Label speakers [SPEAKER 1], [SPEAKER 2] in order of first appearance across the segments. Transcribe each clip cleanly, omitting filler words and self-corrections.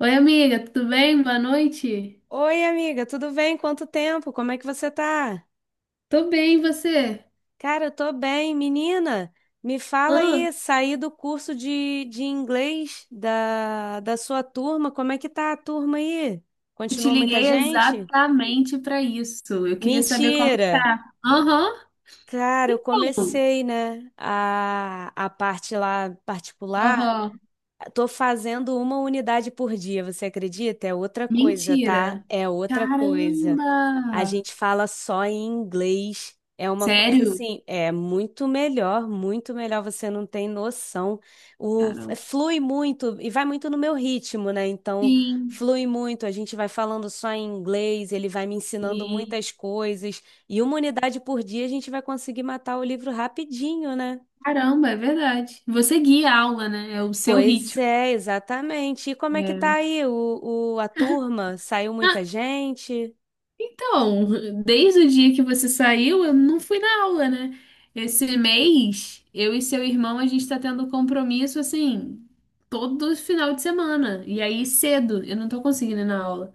[SPEAKER 1] Oi, amiga, tudo bem? Boa noite.
[SPEAKER 2] Oi, amiga, tudo bem? Quanto tempo? Como é que você tá?
[SPEAKER 1] Tô bem, e você?
[SPEAKER 2] Cara, eu tô bem. Menina, me fala
[SPEAKER 1] Ah,
[SPEAKER 2] aí, saí do curso de inglês da sua turma, como é que tá a turma aí?
[SPEAKER 1] eu te
[SPEAKER 2] Continua muita
[SPEAKER 1] liguei
[SPEAKER 2] gente?
[SPEAKER 1] exatamente pra isso. Eu queria saber como que
[SPEAKER 2] Mentira!
[SPEAKER 1] tá. Aham,
[SPEAKER 2] Cara, eu
[SPEAKER 1] então.
[SPEAKER 2] comecei, né, a parte lá particular.
[SPEAKER 1] Aham,
[SPEAKER 2] Tô fazendo uma unidade por dia, você acredita? É outra coisa, tá?
[SPEAKER 1] mentira.
[SPEAKER 2] É outra coisa. A
[SPEAKER 1] Caramba!
[SPEAKER 2] gente fala só em inglês. É uma coisa
[SPEAKER 1] Sério?
[SPEAKER 2] assim, é muito melhor, você não tem noção. O É,
[SPEAKER 1] Caramba.
[SPEAKER 2] flui muito e vai muito no meu ritmo, né? Então,
[SPEAKER 1] Sim,
[SPEAKER 2] flui muito, a gente vai falando só em inglês, ele vai me ensinando
[SPEAKER 1] sim.
[SPEAKER 2] muitas coisas e uma unidade por dia a gente vai conseguir matar o livro rapidinho, né?
[SPEAKER 1] Caramba, é verdade. Você guia a aula, né? É o seu
[SPEAKER 2] Pois
[SPEAKER 1] ritmo.
[SPEAKER 2] é, exatamente. E como é que tá
[SPEAKER 1] É.
[SPEAKER 2] aí a turma? Saiu muita gente?
[SPEAKER 1] Então, desde o dia que você saiu, eu não fui na aula, né? Esse mês, eu e seu irmão, a gente tá tendo compromisso assim, todo final de semana. E aí, cedo, eu não tô conseguindo ir na aula.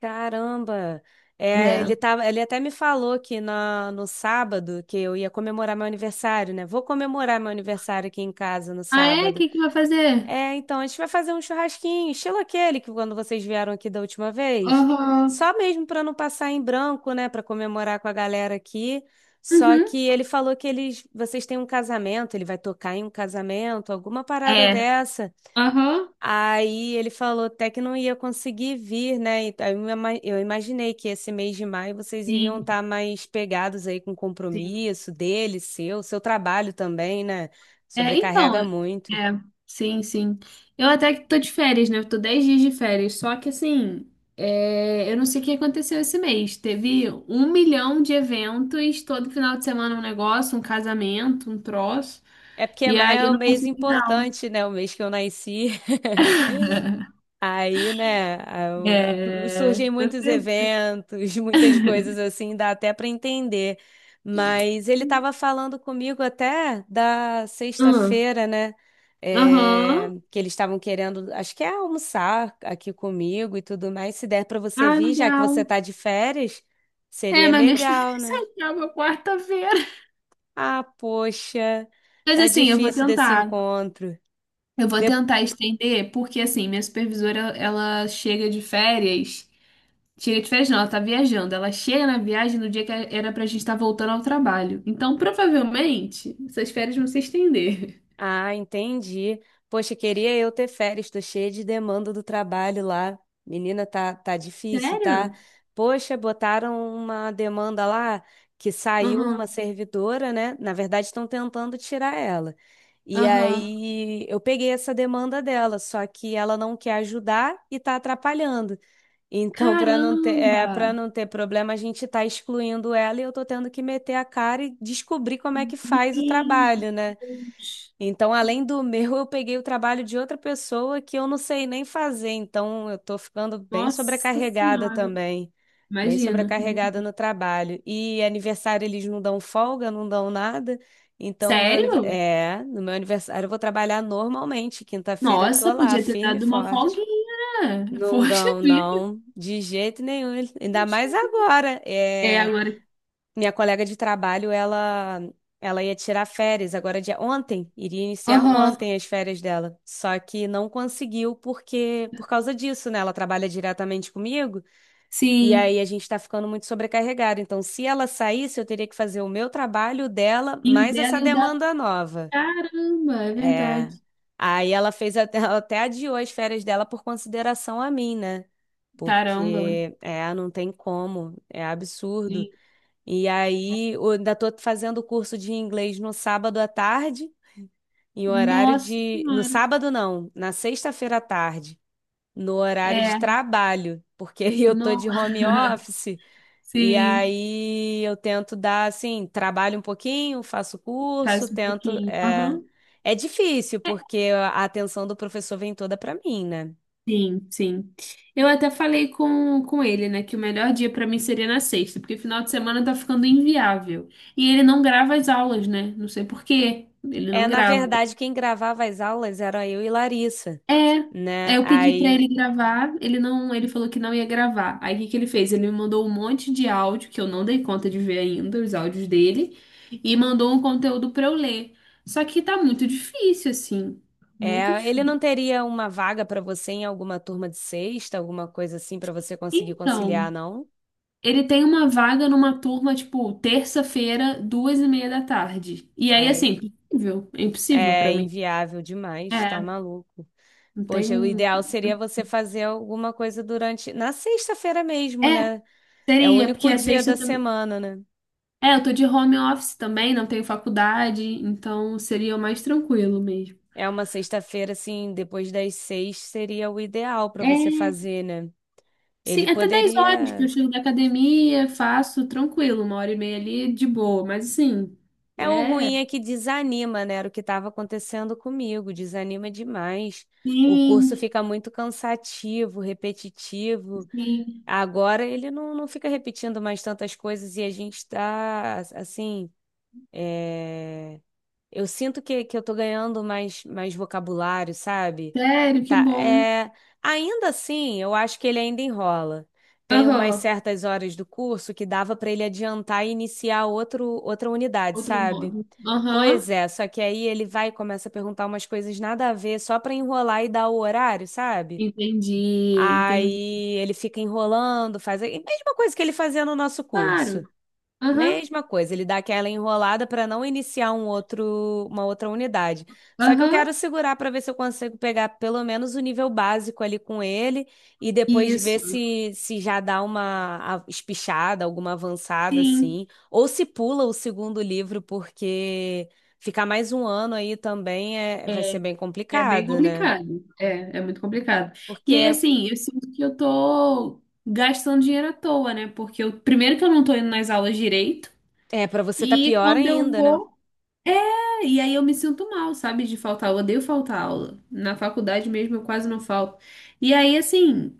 [SPEAKER 2] Caramba! É, ele
[SPEAKER 1] É.
[SPEAKER 2] tava, ele até me falou que no sábado que eu ia comemorar meu aniversário, né? Vou comemorar meu aniversário aqui em casa no
[SPEAKER 1] Ah, é? O
[SPEAKER 2] sábado.
[SPEAKER 1] que que vai fazer?
[SPEAKER 2] É, então a gente vai fazer um churrasquinho, estilo aquele que quando vocês vieram aqui da última vez.
[SPEAKER 1] Aham.
[SPEAKER 2] Só mesmo para não passar em branco, né? Para comemorar com a galera aqui. Só
[SPEAKER 1] Uhum.
[SPEAKER 2] que ele falou que eles, vocês têm um casamento, ele vai tocar em um casamento, alguma parada
[SPEAKER 1] É.
[SPEAKER 2] dessa.
[SPEAKER 1] Aham.
[SPEAKER 2] Aí ele falou até que não ia conseguir vir, né? E aí, eu imaginei que esse mês de maio vocês iriam
[SPEAKER 1] Sim.
[SPEAKER 2] estar mais pegados aí com o
[SPEAKER 1] Sim.
[SPEAKER 2] compromisso dele, seu trabalho também, né?
[SPEAKER 1] É, então,
[SPEAKER 2] Sobrecarrega
[SPEAKER 1] é,
[SPEAKER 2] muito.
[SPEAKER 1] sim, sim. Eu até que tô de férias, né? Eu tô 10 dias de férias, só que assim, é, eu não sei o que aconteceu esse mês. Teve um milhão de eventos, todo final de semana um negócio, um casamento, um troço,
[SPEAKER 2] É porque
[SPEAKER 1] e
[SPEAKER 2] maio
[SPEAKER 1] aí eu
[SPEAKER 2] é um
[SPEAKER 1] não
[SPEAKER 2] mês
[SPEAKER 1] consegui não.
[SPEAKER 2] importante, né? O mês que eu nasci. Aí, né, eu-
[SPEAKER 1] É...
[SPEAKER 2] surgem muitos eventos, muitas coisas assim, dá até para entender. Mas ele estava falando comigo até da
[SPEAKER 1] hum,
[SPEAKER 2] sexta-feira, né? É,
[SPEAKER 1] Aham,
[SPEAKER 2] que eles estavam querendo, acho que é almoçar aqui comigo e tudo mais. Se der para você
[SPEAKER 1] Ah,
[SPEAKER 2] vir, já que você
[SPEAKER 1] legal.
[SPEAKER 2] tá de férias,
[SPEAKER 1] É,
[SPEAKER 2] seria
[SPEAKER 1] mas minhas
[SPEAKER 2] legal,
[SPEAKER 1] férias
[SPEAKER 2] né?
[SPEAKER 1] acabam quarta-feira.
[SPEAKER 2] Ah, poxa,
[SPEAKER 1] Mas
[SPEAKER 2] tá
[SPEAKER 1] assim, eu vou
[SPEAKER 2] difícil desse
[SPEAKER 1] tentar.
[SPEAKER 2] encontro.
[SPEAKER 1] Eu vou tentar estender, porque assim, minha supervisora, ela chega de férias Tira de férias não, ela tá viajando. Ela chega na viagem no dia que era pra gente estar voltando ao trabalho. Então, provavelmente, essas férias vão se estender.
[SPEAKER 2] Ah, entendi. Poxa, queria eu ter férias, tô cheia de demanda do trabalho lá. Menina, tá difícil, tá?
[SPEAKER 1] Sério?
[SPEAKER 2] Poxa, botaram uma demanda lá que saiu
[SPEAKER 1] Aham,
[SPEAKER 2] uma servidora, né? Na verdade, estão tentando tirar ela. E
[SPEAKER 1] aham.
[SPEAKER 2] aí eu peguei essa demanda dela, só que ela não quer ajudar e tá atrapalhando. Então, para não ter, é,
[SPEAKER 1] Caramba!
[SPEAKER 2] para não ter problema, a gente tá excluindo ela e eu tô tendo que meter a cara e descobrir como é que faz
[SPEAKER 1] Meu
[SPEAKER 2] o trabalho, né?
[SPEAKER 1] Deus!
[SPEAKER 2] Então, além do meu, eu peguei o trabalho de outra pessoa que eu não sei nem fazer. Então, eu tô ficando bem
[SPEAKER 1] Nossa
[SPEAKER 2] sobrecarregada
[SPEAKER 1] Senhora!
[SPEAKER 2] também. Bem
[SPEAKER 1] Imagina.
[SPEAKER 2] sobrecarregada no trabalho. E aniversário eles não dão folga, não dão nada. Então,
[SPEAKER 1] Sério?
[SPEAKER 2] no meu aniversário eu vou trabalhar normalmente. Quinta-feira eu tô
[SPEAKER 1] Nossa,
[SPEAKER 2] lá,
[SPEAKER 1] podia ter
[SPEAKER 2] firme e
[SPEAKER 1] dado uma
[SPEAKER 2] forte.
[SPEAKER 1] folguinha, né?
[SPEAKER 2] Não
[SPEAKER 1] Poxa
[SPEAKER 2] dão,
[SPEAKER 1] vida.
[SPEAKER 2] não, de jeito nenhum. Ainda
[SPEAKER 1] Poxa.
[SPEAKER 2] mais agora.
[SPEAKER 1] É,
[SPEAKER 2] É,
[SPEAKER 1] agora.
[SPEAKER 2] minha colega de trabalho, ela ia tirar férias agora de ontem, iria iniciar
[SPEAKER 1] Aham,
[SPEAKER 2] ontem as férias dela. Só que não conseguiu porque por causa disso, né? Ela trabalha diretamente comigo e
[SPEAKER 1] sim.
[SPEAKER 2] aí a gente tá ficando muito sobrecarregado. Então, se ela saísse, eu teria que fazer o meu trabalho o dela,
[SPEAKER 1] E o
[SPEAKER 2] mais
[SPEAKER 1] dela
[SPEAKER 2] essa
[SPEAKER 1] e o da.
[SPEAKER 2] demanda nova.
[SPEAKER 1] Caramba, é
[SPEAKER 2] É.
[SPEAKER 1] verdade.
[SPEAKER 2] Aí ela fez até, ela até adiou as férias dela por consideração a mim, né?
[SPEAKER 1] Caramba.
[SPEAKER 2] Porque é, não tem como, é absurdo. E aí, eu ainda estou fazendo o curso de inglês no sábado à tarde, em horário
[SPEAKER 1] Nossa
[SPEAKER 2] de. No
[SPEAKER 1] Senhora.
[SPEAKER 2] sábado, não, na sexta-feira à tarde, no horário de
[SPEAKER 1] É,
[SPEAKER 2] trabalho, porque eu tô
[SPEAKER 1] não,
[SPEAKER 2] de home office, e
[SPEAKER 1] sim,
[SPEAKER 2] aí eu tento dar, assim, trabalho um pouquinho, faço curso,
[SPEAKER 1] faz um
[SPEAKER 2] tento.
[SPEAKER 1] pouquinho.
[SPEAKER 2] É,
[SPEAKER 1] Aham.
[SPEAKER 2] é difícil,
[SPEAKER 1] É,
[SPEAKER 2] porque a atenção do professor vem toda para mim, né?
[SPEAKER 1] sim, sim. Eu até falei com ele, né, que o melhor dia pra mim seria na sexta, porque final de semana tá ficando inviável. E ele não grava as aulas, né? Não sei por quê. Ele
[SPEAKER 2] É,
[SPEAKER 1] não
[SPEAKER 2] na
[SPEAKER 1] grava.
[SPEAKER 2] verdade, quem gravava as aulas era eu e Larissa,
[SPEAKER 1] É, é,
[SPEAKER 2] né?
[SPEAKER 1] eu pedi pra
[SPEAKER 2] Aí,
[SPEAKER 1] ele gravar, ele não, ele falou que não ia gravar. Aí o que que ele fez? Ele me mandou um monte de áudio que eu não dei conta de ver ainda, os áudios dele, e mandou um conteúdo pra eu ler. Só que tá muito difícil assim, muito
[SPEAKER 2] Ele não
[SPEAKER 1] difícil.
[SPEAKER 2] teria uma vaga para você em alguma turma de sexta, alguma coisa assim para você conseguir conciliar,
[SPEAKER 1] Então,
[SPEAKER 2] não?
[SPEAKER 1] ele tem uma vaga numa turma tipo terça-feira, duas e meia da tarde. E aí assim,
[SPEAKER 2] Ai,
[SPEAKER 1] impossível, é impossível
[SPEAKER 2] é
[SPEAKER 1] pra mim.
[SPEAKER 2] inviável demais, tá
[SPEAKER 1] É,
[SPEAKER 2] maluco.
[SPEAKER 1] não
[SPEAKER 2] Poxa, o
[SPEAKER 1] tem.
[SPEAKER 2] ideal seria você fazer alguma coisa durante, na sexta-feira mesmo,
[SPEAKER 1] É,
[SPEAKER 2] né? É o
[SPEAKER 1] seria porque
[SPEAKER 2] único
[SPEAKER 1] a
[SPEAKER 2] dia da
[SPEAKER 1] sexta também.
[SPEAKER 2] semana, né?
[SPEAKER 1] É, eu tô de home office também, não tenho faculdade, então seria mais tranquilo mesmo.
[SPEAKER 2] É uma sexta-feira assim, depois das seis seria o ideal para você
[SPEAKER 1] É,
[SPEAKER 2] fazer, né?
[SPEAKER 1] Sim,
[SPEAKER 2] Ele
[SPEAKER 1] até 10 horas que eu
[SPEAKER 2] poderia
[SPEAKER 1] chego da academia, faço tranquilo, uma hora e meia ali de boa, mas assim,
[SPEAKER 2] É o
[SPEAKER 1] é,
[SPEAKER 2] ruim é que desanima, né? Era o que estava acontecendo comigo, desanima demais. O curso
[SPEAKER 1] sim,
[SPEAKER 2] fica muito cansativo, repetitivo.
[SPEAKER 1] sim,
[SPEAKER 2] Agora ele não fica repetindo mais tantas coisas e a gente está, assim, é, eu sinto que eu tô ganhando mais vocabulário, sabe?
[SPEAKER 1] sério, que
[SPEAKER 2] Tá,
[SPEAKER 1] bom.
[SPEAKER 2] é... Ainda assim, eu acho que ele ainda enrola. Tem umas
[SPEAKER 1] Aham,
[SPEAKER 2] certas horas do curso que dava para ele adiantar e iniciar outro, outra unidade,
[SPEAKER 1] outro
[SPEAKER 2] sabe?
[SPEAKER 1] modo. Aham,
[SPEAKER 2] Pois é, só que aí ele vai e começa a perguntar umas coisas nada a ver, só pra enrolar e dar o horário, sabe?
[SPEAKER 1] entendi, entendi.
[SPEAKER 2] Aí ele fica enrolando, faz a mesma coisa que ele fazia no nosso
[SPEAKER 1] Claro,
[SPEAKER 2] curso.
[SPEAKER 1] aham,
[SPEAKER 2] Mesma coisa, ele dá aquela enrolada para não iniciar um outro, uma outra unidade. Só que eu
[SPEAKER 1] aham,
[SPEAKER 2] quero segurar para ver se eu consigo pegar pelo menos o nível básico ali com ele e depois ver
[SPEAKER 1] isso,
[SPEAKER 2] se já dá uma espichada, alguma avançada
[SPEAKER 1] sim.
[SPEAKER 2] assim, ou se pula o segundo livro, porque ficar mais um ano aí também é, vai
[SPEAKER 1] É,
[SPEAKER 2] ser bem
[SPEAKER 1] É bem
[SPEAKER 2] complicado, né?
[SPEAKER 1] complicado. É, é muito complicado. E aí,
[SPEAKER 2] Porque
[SPEAKER 1] assim, eu sinto que eu tô gastando dinheiro à toa, né? Porque eu, primeiro que eu não tô indo nas aulas direito,
[SPEAKER 2] é, para você tá
[SPEAKER 1] e
[SPEAKER 2] pior
[SPEAKER 1] quando eu
[SPEAKER 2] ainda, né?
[SPEAKER 1] vou, é, e aí eu me sinto mal, sabe, de faltar aula. Eu odeio faltar aula. Na faculdade mesmo eu quase não falto. E aí, assim,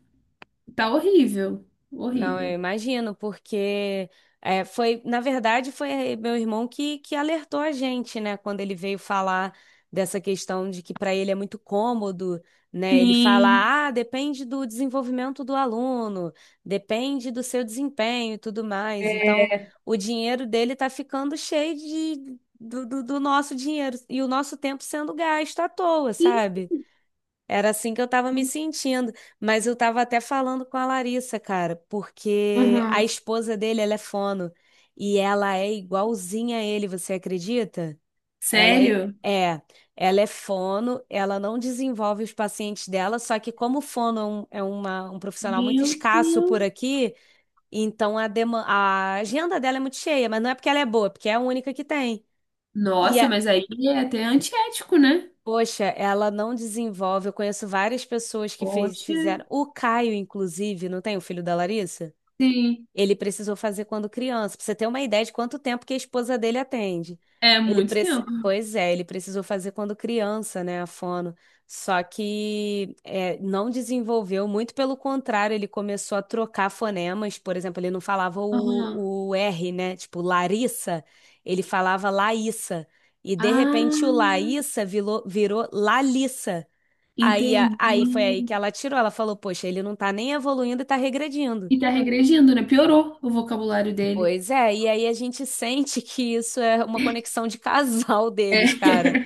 [SPEAKER 1] tá horrível.
[SPEAKER 2] Não, eu
[SPEAKER 1] Horrível.
[SPEAKER 2] imagino, porque é, foi, na verdade, foi meu irmão que alertou a gente, né, quando ele veio falar dessa questão de que para ele é muito cômodo, né, ele
[SPEAKER 1] Sim.
[SPEAKER 2] fala, ah, depende do desenvolvimento do aluno, depende do seu desempenho e tudo mais. Então, o dinheiro dele está ficando cheio de, do, do do nosso dinheiro e o nosso tempo sendo gasto à toa,
[SPEAKER 1] Ih,
[SPEAKER 2] sabe? Era assim que eu tava me sentindo, mas eu tava até falando com a Larissa, cara, porque a
[SPEAKER 1] Aham.
[SPEAKER 2] esposa dele, ela é fono e ela é igualzinha a ele, você acredita? Ela é,
[SPEAKER 1] Sério?
[SPEAKER 2] é, ela é fono, ela não desenvolve os pacientes dela, só que como fono é um profissional muito
[SPEAKER 1] Meu
[SPEAKER 2] escasso por
[SPEAKER 1] Deus.
[SPEAKER 2] aqui, então a agenda dela é muito cheia, mas não é porque ela é boa, é porque é a única que tem.
[SPEAKER 1] Nossa, mas aí é até antiético, né?
[SPEAKER 2] Poxa, ela não desenvolve. Eu conheço várias pessoas que fiz-
[SPEAKER 1] Poxa.
[SPEAKER 2] fizeram. O Caio, inclusive, não tem o filho da Larissa?
[SPEAKER 1] Sim.
[SPEAKER 2] Ele precisou fazer quando criança, pra você ter uma ideia de quanto tempo que a esposa dele atende.
[SPEAKER 1] É
[SPEAKER 2] Ele
[SPEAKER 1] muito
[SPEAKER 2] pre...
[SPEAKER 1] tempo.
[SPEAKER 2] Pois é, ele precisou fazer quando criança, né, a fono. Só que é, não desenvolveu, muito pelo contrário, ele começou a trocar fonemas, por exemplo, ele não falava
[SPEAKER 1] Aham.
[SPEAKER 2] o R, né, tipo Larissa, ele falava Laíssa. E de repente o
[SPEAKER 1] Ah,
[SPEAKER 2] Laíssa virou Lalissa. Aí, a-
[SPEAKER 1] entendi.
[SPEAKER 2] aí foi aí que ela tirou, ela falou, poxa, ele não tá nem evoluindo e tá regredindo.
[SPEAKER 1] E tá regredindo, né? Piorou o vocabulário dele.
[SPEAKER 2] Pois é, e aí a gente sente que isso é uma conexão de casal
[SPEAKER 1] É.
[SPEAKER 2] deles, cara,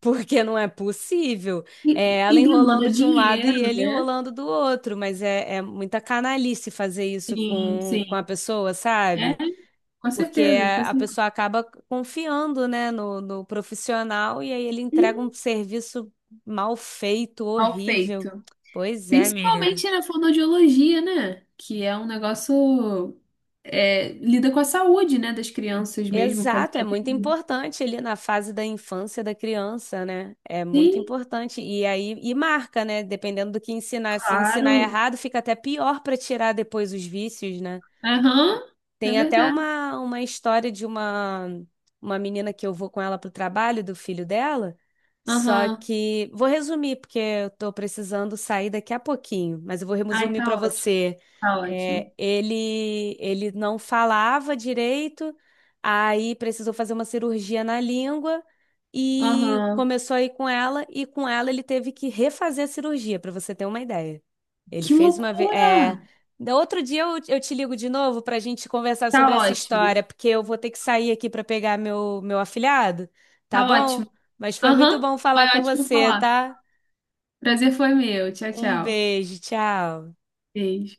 [SPEAKER 2] porque não é possível.
[SPEAKER 1] E,
[SPEAKER 2] É
[SPEAKER 1] e
[SPEAKER 2] ela
[SPEAKER 1] demanda
[SPEAKER 2] enrolando de um lado e
[SPEAKER 1] dinheiro,
[SPEAKER 2] ele
[SPEAKER 1] né?
[SPEAKER 2] enrolando do outro, mas é muita canalice fazer isso
[SPEAKER 1] Sim,
[SPEAKER 2] com
[SPEAKER 1] sim.
[SPEAKER 2] a pessoa,
[SPEAKER 1] É,
[SPEAKER 2] sabe?
[SPEAKER 1] com
[SPEAKER 2] Porque
[SPEAKER 1] certeza. com
[SPEAKER 2] a
[SPEAKER 1] certeza.
[SPEAKER 2] pessoa acaba confiando, né, no profissional e aí ele entrega um serviço mal feito,
[SPEAKER 1] Mal
[SPEAKER 2] horrível.
[SPEAKER 1] feito.
[SPEAKER 2] Pois é, menina.
[SPEAKER 1] Principalmente na fonoaudiologia, né? Que é um negócio. É, lida com a saúde, né? Das crianças mesmo,
[SPEAKER 2] Exato, é
[SPEAKER 1] qualidade de
[SPEAKER 2] muito
[SPEAKER 1] vida.
[SPEAKER 2] importante ali na fase da infância da criança, né? É muito
[SPEAKER 1] Sim,
[SPEAKER 2] importante. E aí, e marca, né? Dependendo do que ensinar. Se ensinar
[SPEAKER 1] claro.
[SPEAKER 2] errado, fica até pior para tirar depois os vícios, né?
[SPEAKER 1] Aham, é
[SPEAKER 2] Tem até
[SPEAKER 1] verdade.
[SPEAKER 2] uma história de uma menina que eu vou com ela pro trabalho, do filho dela. Só
[SPEAKER 1] Aham.
[SPEAKER 2] que vou resumir, porque eu tô precisando sair daqui a pouquinho, mas eu vou
[SPEAKER 1] Ai,
[SPEAKER 2] resumir para
[SPEAKER 1] tá ótimo,
[SPEAKER 2] você.
[SPEAKER 1] tá
[SPEAKER 2] É,
[SPEAKER 1] ótimo.
[SPEAKER 2] ele não falava direito, aí precisou fazer uma cirurgia na língua e
[SPEAKER 1] Aham.
[SPEAKER 2] começou a ir com ela, e com ela ele teve que refazer a cirurgia, para você ter uma ideia. Ele
[SPEAKER 1] Que
[SPEAKER 2] fez uma vez.
[SPEAKER 1] loucura!
[SPEAKER 2] Outro dia eu te ligo de novo para a gente conversar sobre
[SPEAKER 1] Tá
[SPEAKER 2] essa
[SPEAKER 1] ótimo,
[SPEAKER 2] história, porque eu vou ter que sair aqui para pegar meu afilhado, tá
[SPEAKER 1] tá ótimo.
[SPEAKER 2] bom? Mas foi muito
[SPEAKER 1] Aham,
[SPEAKER 2] bom
[SPEAKER 1] foi
[SPEAKER 2] falar com
[SPEAKER 1] ótimo
[SPEAKER 2] você,
[SPEAKER 1] falar.
[SPEAKER 2] tá?
[SPEAKER 1] Prazer foi meu. Tchau,
[SPEAKER 2] Um
[SPEAKER 1] tchau.
[SPEAKER 2] beijo, tchau.
[SPEAKER 1] Beijo.